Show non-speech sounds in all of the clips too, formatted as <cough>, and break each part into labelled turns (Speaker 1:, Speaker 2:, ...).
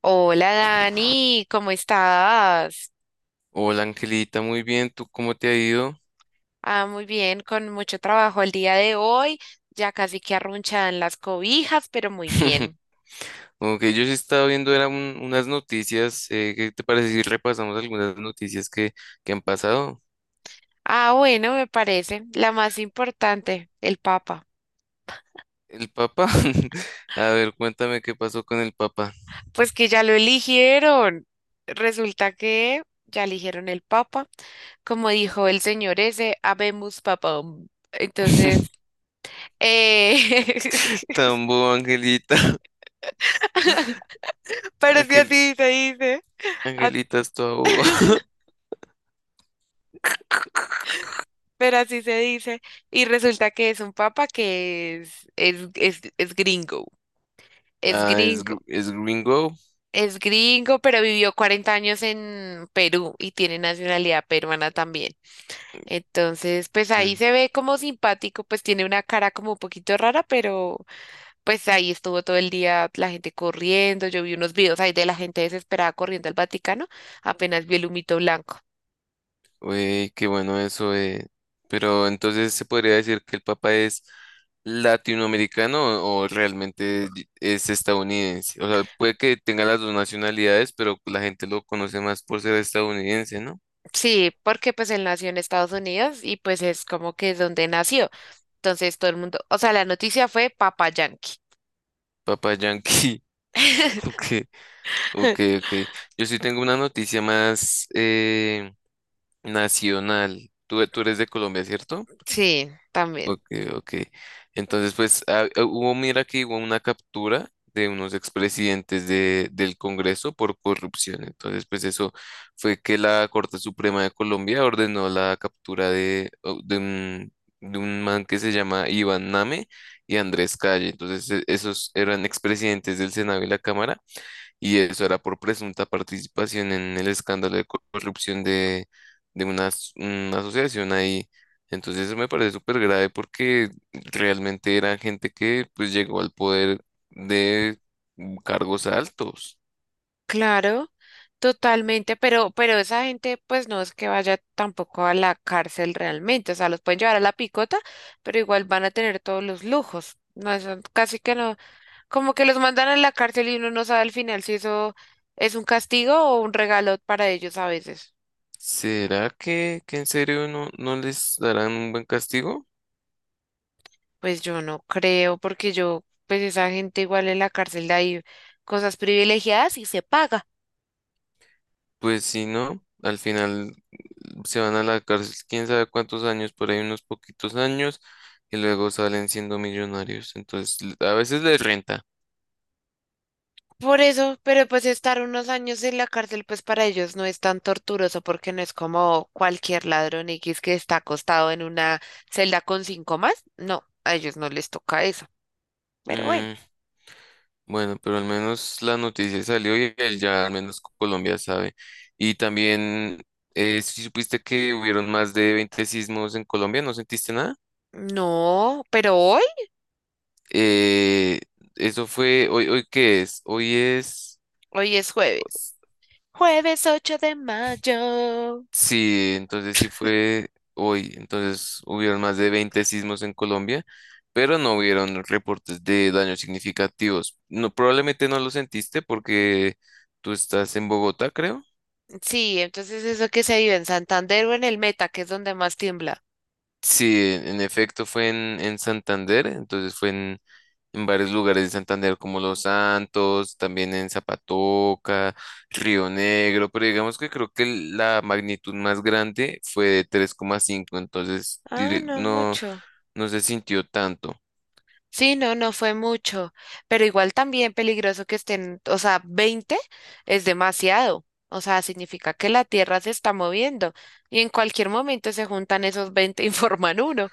Speaker 1: Hola Dani, ¿cómo estás?
Speaker 2: Hola Angelita, muy bien, ¿tú cómo te ha ido?
Speaker 1: Ah, muy bien, con mucho trabajo el día de hoy, ya casi que arrunchadan las cobijas, pero muy
Speaker 2: <laughs>
Speaker 1: bien.
Speaker 2: Como que yo sí estaba viendo eran unas noticias, ¿qué te parece si repasamos algunas noticias que han pasado?
Speaker 1: Ah, bueno, me parece la más importante, el Papa.
Speaker 2: ¿El Papa? <laughs> A ver, cuéntame qué pasó con el Papa.
Speaker 1: Pues que ya lo eligieron. Resulta que ya eligieron el Papa, como dijo el señor ese, habemus papam. Entonces,
Speaker 2: <laughs>
Speaker 1: eh, <laughs>
Speaker 2: Tan bobo, Angelita. <laughs>
Speaker 1: pero si
Speaker 2: Angel-
Speaker 1: así se dice. as-
Speaker 2: Angelita es toda boba. <laughs>
Speaker 1: <laughs> pero así se dice. Y resulta que es un papa que es gringo, es
Speaker 2: Ah, es,
Speaker 1: gringo,
Speaker 2: es gringo.
Speaker 1: es gringo, pero vivió 40 años en Perú y tiene nacionalidad peruana también. Entonces, pues ahí
Speaker 2: Mm.
Speaker 1: se ve como simpático, pues tiene una cara como un poquito rara, pero pues ahí estuvo todo el día la gente corriendo. Yo vi unos videos ahí de la gente desesperada corriendo al Vaticano, apenas vi el humito blanco.
Speaker 2: Uy, qué bueno eso, eh. Pero entonces se podría decir que el Papa es latinoamericano o realmente es estadounidense. O sea, puede que tenga las dos nacionalidades, pero la gente lo conoce más por ser estadounidense, ¿no?
Speaker 1: Sí, porque pues él nació en Estados Unidos y pues es como que es donde nació. Entonces todo el mundo, o sea, la noticia fue Papa Yankee.
Speaker 2: Papa Yankee. <laughs>
Speaker 1: <laughs>
Speaker 2: Ok, ok, ok. Yo sí tengo una noticia más, nacional. Tú eres de Colombia, ¿cierto?
Speaker 1: Sí, también.
Speaker 2: Ok, ok. Entonces, pues hubo, mira que hubo una captura de unos expresidentes del Congreso por corrupción. Entonces, pues eso fue que la Corte Suprema de Colombia ordenó la captura de un man que se llama Iván Name y Andrés Calle. Entonces, esos eran expresidentes del Senado y la Cámara, y eso era por presunta participación en el escándalo de corrupción de una, as- una asociación ahí. Entonces eso me parece súper grave porque realmente era gente que pues llegó al poder de cargos altos.
Speaker 1: Claro, totalmente, pero esa gente pues no es que vaya tampoco a la cárcel realmente, o sea, los pueden llevar a la picota, pero igual van a tener todos los lujos. No, eso casi que no, como que los mandan a la cárcel y uno no sabe al final si eso es un castigo o un regalo para ellos a veces.
Speaker 2: ¿Será que en serio no les darán un buen castigo?
Speaker 1: Pues yo no creo, porque yo, pues esa gente igual en la cárcel de ahí, cosas privilegiadas y se paga.
Speaker 2: Pues si no, al final se van a la cárcel quién sabe cuántos años, por ahí unos poquitos años, y luego salen siendo millonarios. Entonces a veces les renta.
Speaker 1: Por eso, pero pues estar unos años en la cárcel, pues para ellos no es tan torturoso porque no es como cualquier ladrón X que está acostado en una celda con cinco más. No, a ellos no les toca eso. Pero bueno,
Speaker 2: Mm, bueno, pero al menos la noticia salió y él ya al menos Colombia sabe. Y también, si supiste que hubieron más de 20 sismos en Colombia, ¿no sentiste nada?
Speaker 1: no, pero hoy,
Speaker 2: Eh, eso fue, hoy, hoy ¿qué es? Hoy es,
Speaker 1: hoy es jueves. Jueves 8 de mayo.
Speaker 2: sí, entonces sí fue hoy. Entonces hubieron más de 20 sismos en Colombia, pero no hubieron reportes de daños significativos. No, probablemente no lo sentiste porque tú estás en Bogotá, creo.
Speaker 1: Sí, entonces eso que se vive en Santander o en el Meta, que es donde más tiembla.
Speaker 2: Sí, en efecto fue en Santander, entonces fue en varios lugares de Santander como Los Santos, también en Zapatoca, Río Negro, pero digamos que creo que la magnitud más grande fue de 3,5, entonces
Speaker 1: Ah, no mucho.
Speaker 2: no se sintió tanto.
Speaker 1: Sí, no, no fue mucho, pero igual también peligroso que estén, o sea, 20 es demasiado, o sea, significa que la Tierra se está moviendo y en cualquier momento se juntan esos 20 y forman uno.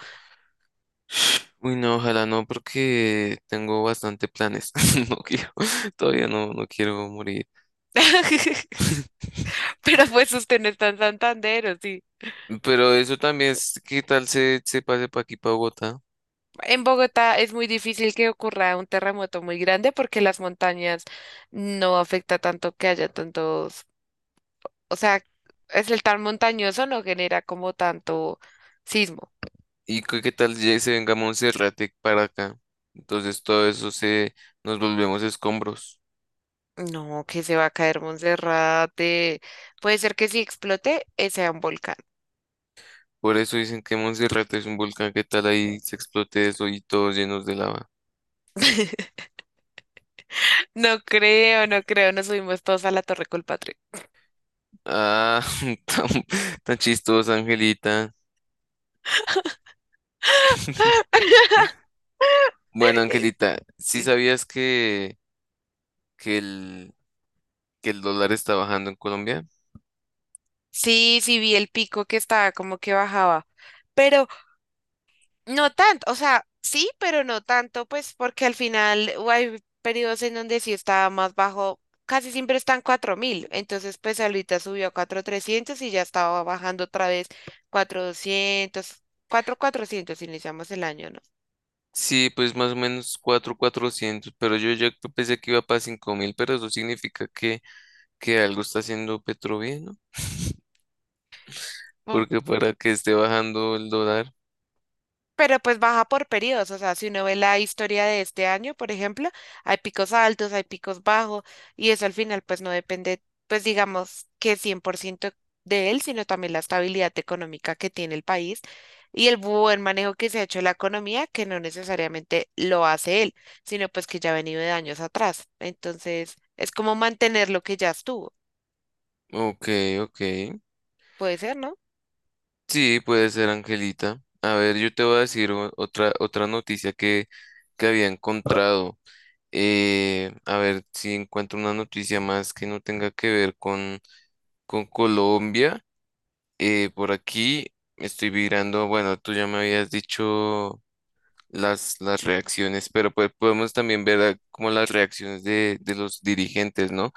Speaker 2: Uy, no, ojalá no, porque tengo bastante planes. <laughs> No quiero, todavía no, no quiero morir.
Speaker 1: <laughs>
Speaker 2: <laughs>
Speaker 1: Pero pues usted no está en Santander, ¿o sí?
Speaker 2: Pero eso también es, ¿qué tal se pase para aquí, para Bogotá?
Speaker 1: En Bogotá es muy difícil que ocurra un terremoto muy grande porque las montañas no afecta tanto que haya tantos, o sea, es el tan montañoso no genera como tanto sismo.
Speaker 2: ¿Y qué tal ya se venga Monserrate para acá? Entonces todo eso se nos volvemos escombros.
Speaker 1: No, que se va a caer Monserrate. Puede ser que si explote, sea un volcán.
Speaker 2: Por eso dicen que Monserrate es un volcán. ¿Qué tal ahí se explote eso y todos llenos de lava?
Speaker 1: <laughs> No creo, no creo. Nos subimos todos a la Torre Colpatria.
Speaker 2: Ah, <laughs> tan, tan chistosa, Angelita. <laughs>
Speaker 1: <laughs>
Speaker 2: Bueno,
Speaker 1: Eh,
Speaker 2: Angelita, ¿sí
Speaker 1: eh,
Speaker 2: sabías que el, que el dólar está bajando en Colombia?
Speaker 1: sí, sí vi el pico que estaba como que bajaba. Pero no tanto, o sea, sí, pero no tanto, pues porque al final hay periodos en donde sí estaba más bajo, casi siempre están 4.000, entonces pues ahorita subió a 4.300 y ya estaba bajando otra vez 4.200, 400 iniciamos el año,
Speaker 2: Sí, pues más o menos 4.400, pero yo ya pensé que iba para 5.000, pero eso significa que algo está haciendo Petro bien, ¿no? <laughs>
Speaker 1: ¿no?
Speaker 2: Porque para que esté bajando el dólar.
Speaker 1: Pero pues baja por periodos, o sea, si uno ve la historia de este año, por ejemplo, hay picos altos, hay picos bajos, y eso al final pues no depende, pues digamos que 100% de él, sino también la estabilidad económica que tiene el país y el buen manejo que se ha hecho de la economía, que no necesariamente lo hace él, sino pues que ya ha venido de años atrás. Entonces, es como mantener lo que ya estuvo,
Speaker 2: Ok, ok.
Speaker 1: puede ser, ¿no?
Speaker 2: Sí, puede ser, Angelita. A ver, yo te voy a decir otra noticia que había encontrado. A ver si encuentro una noticia más que no tenga que ver con Colombia. Por aquí estoy mirando, bueno, tú ya me habías dicho las reacciones, pero pues podemos también ver, ah, como las reacciones de los dirigentes, ¿no?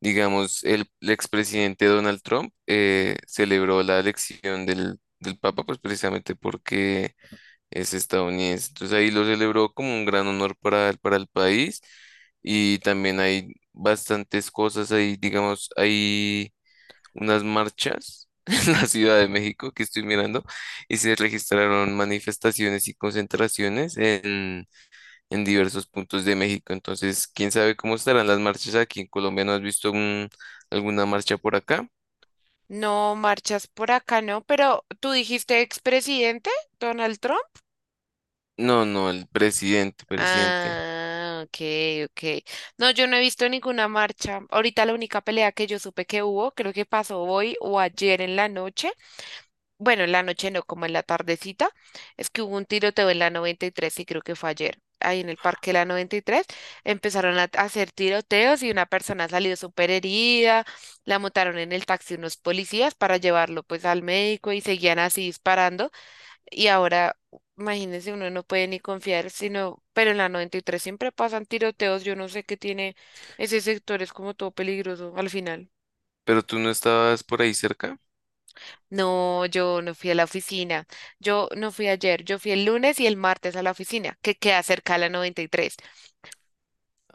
Speaker 2: Digamos, el expresidente Donald Trump, celebró la elección del Papa, pues precisamente porque es estadounidense. Entonces ahí lo celebró como un gran honor para, para el país, y también hay bastantes cosas ahí, digamos, hay unas marchas <laughs> en la Ciudad de México que estoy mirando, y se registraron manifestaciones y concentraciones en diversos puntos de México. Entonces, quién sabe cómo estarán las marchas aquí en Colombia. ¿No has visto alguna marcha por acá?
Speaker 1: No marchas por acá, ¿no? Pero tú dijiste expresidente, Donald Trump.
Speaker 2: No, no, el presidente, presidente.
Speaker 1: Ah, ok, ok. No, yo no he visto ninguna marcha. Ahorita la única pelea que yo supe que hubo, creo que pasó hoy o ayer en la noche. Bueno, en la noche no, como en la tardecita. Es que hubo un tiroteo en la 93 y creo que fue ayer. Ahí en el parque de la 93 empezaron a hacer tiroteos y una persona salió súper herida. La montaron en el taxi unos policías para llevarlo pues al médico y seguían así disparando. Y ahora, imagínense, uno no puede ni confiar, sino, pero en la 93 siempre pasan tiroteos, yo no sé qué tiene ese sector, es como todo peligroso al final.
Speaker 2: Pero tú no estabas por ahí cerca.
Speaker 1: No, yo no fui a la oficina, yo no fui ayer, yo fui el lunes y el martes a la oficina, que queda cerca a la 93.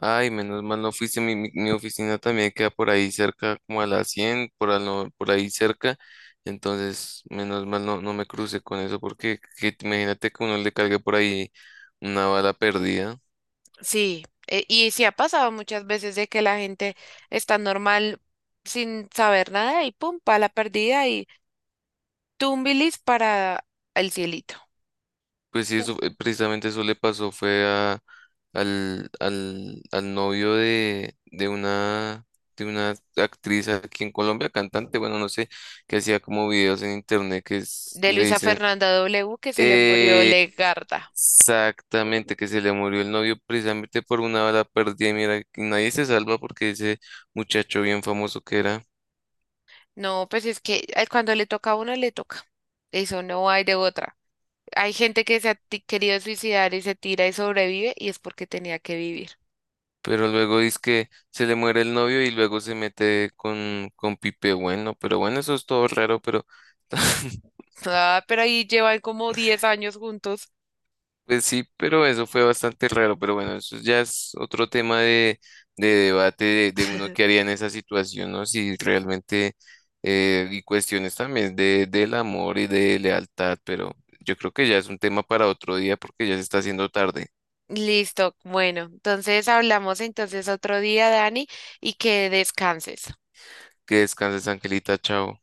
Speaker 2: Ay, menos mal no fuiste. Mi oficina también queda por ahí cerca, como a las 100 por, al no- por ahí cerca. Entonces, menos mal no me crucé con eso, porque imagínate que uno le cargue por ahí una bala perdida.
Speaker 1: Sí, y sí ha pasado muchas veces de que la gente está normal sin saber nada y pum, pa' la perdida y tumbilis para el cielito.
Speaker 2: Pues sí, eso, precisamente eso le pasó fue al novio de una actriz aquí en Colombia, cantante, bueno, no sé, que hacía como videos en internet que
Speaker 1: De
Speaker 2: le
Speaker 1: Luisa
Speaker 2: dicen,
Speaker 1: Fernanda W, que se le murió
Speaker 2: eh,
Speaker 1: Legarda.
Speaker 2: exactamente que se le murió el novio precisamente por una bala perdida, y mira, nadie se salva porque ese muchacho bien famoso que era.
Speaker 1: No, pues es que cuando le toca a uno, le toca. Eso no hay de otra. Hay gente que se ha querido suicidar y se tira y sobrevive y es porque tenía que vivir.
Speaker 2: Pero luego dice que se le muere el novio y luego se mete con Pipe Bueno. Pero bueno, eso es todo raro, pero <laughs>
Speaker 1: <laughs> Ah, pero ahí llevan como 10 años juntos.
Speaker 2: pues sí, pero eso fue bastante raro. Pero bueno, eso ya es otro tema de debate de uno que
Speaker 1: <laughs>
Speaker 2: haría en esa situación, ¿no? Si realmente, y cuestiones también del amor y de lealtad, pero yo creo que ya es un tema para otro día porque ya se está haciendo tarde.
Speaker 1: Listo, bueno, entonces hablamos entonces otro día, Dani, y que descanses.
Speaker 2: Que descanses, Angelita, chao.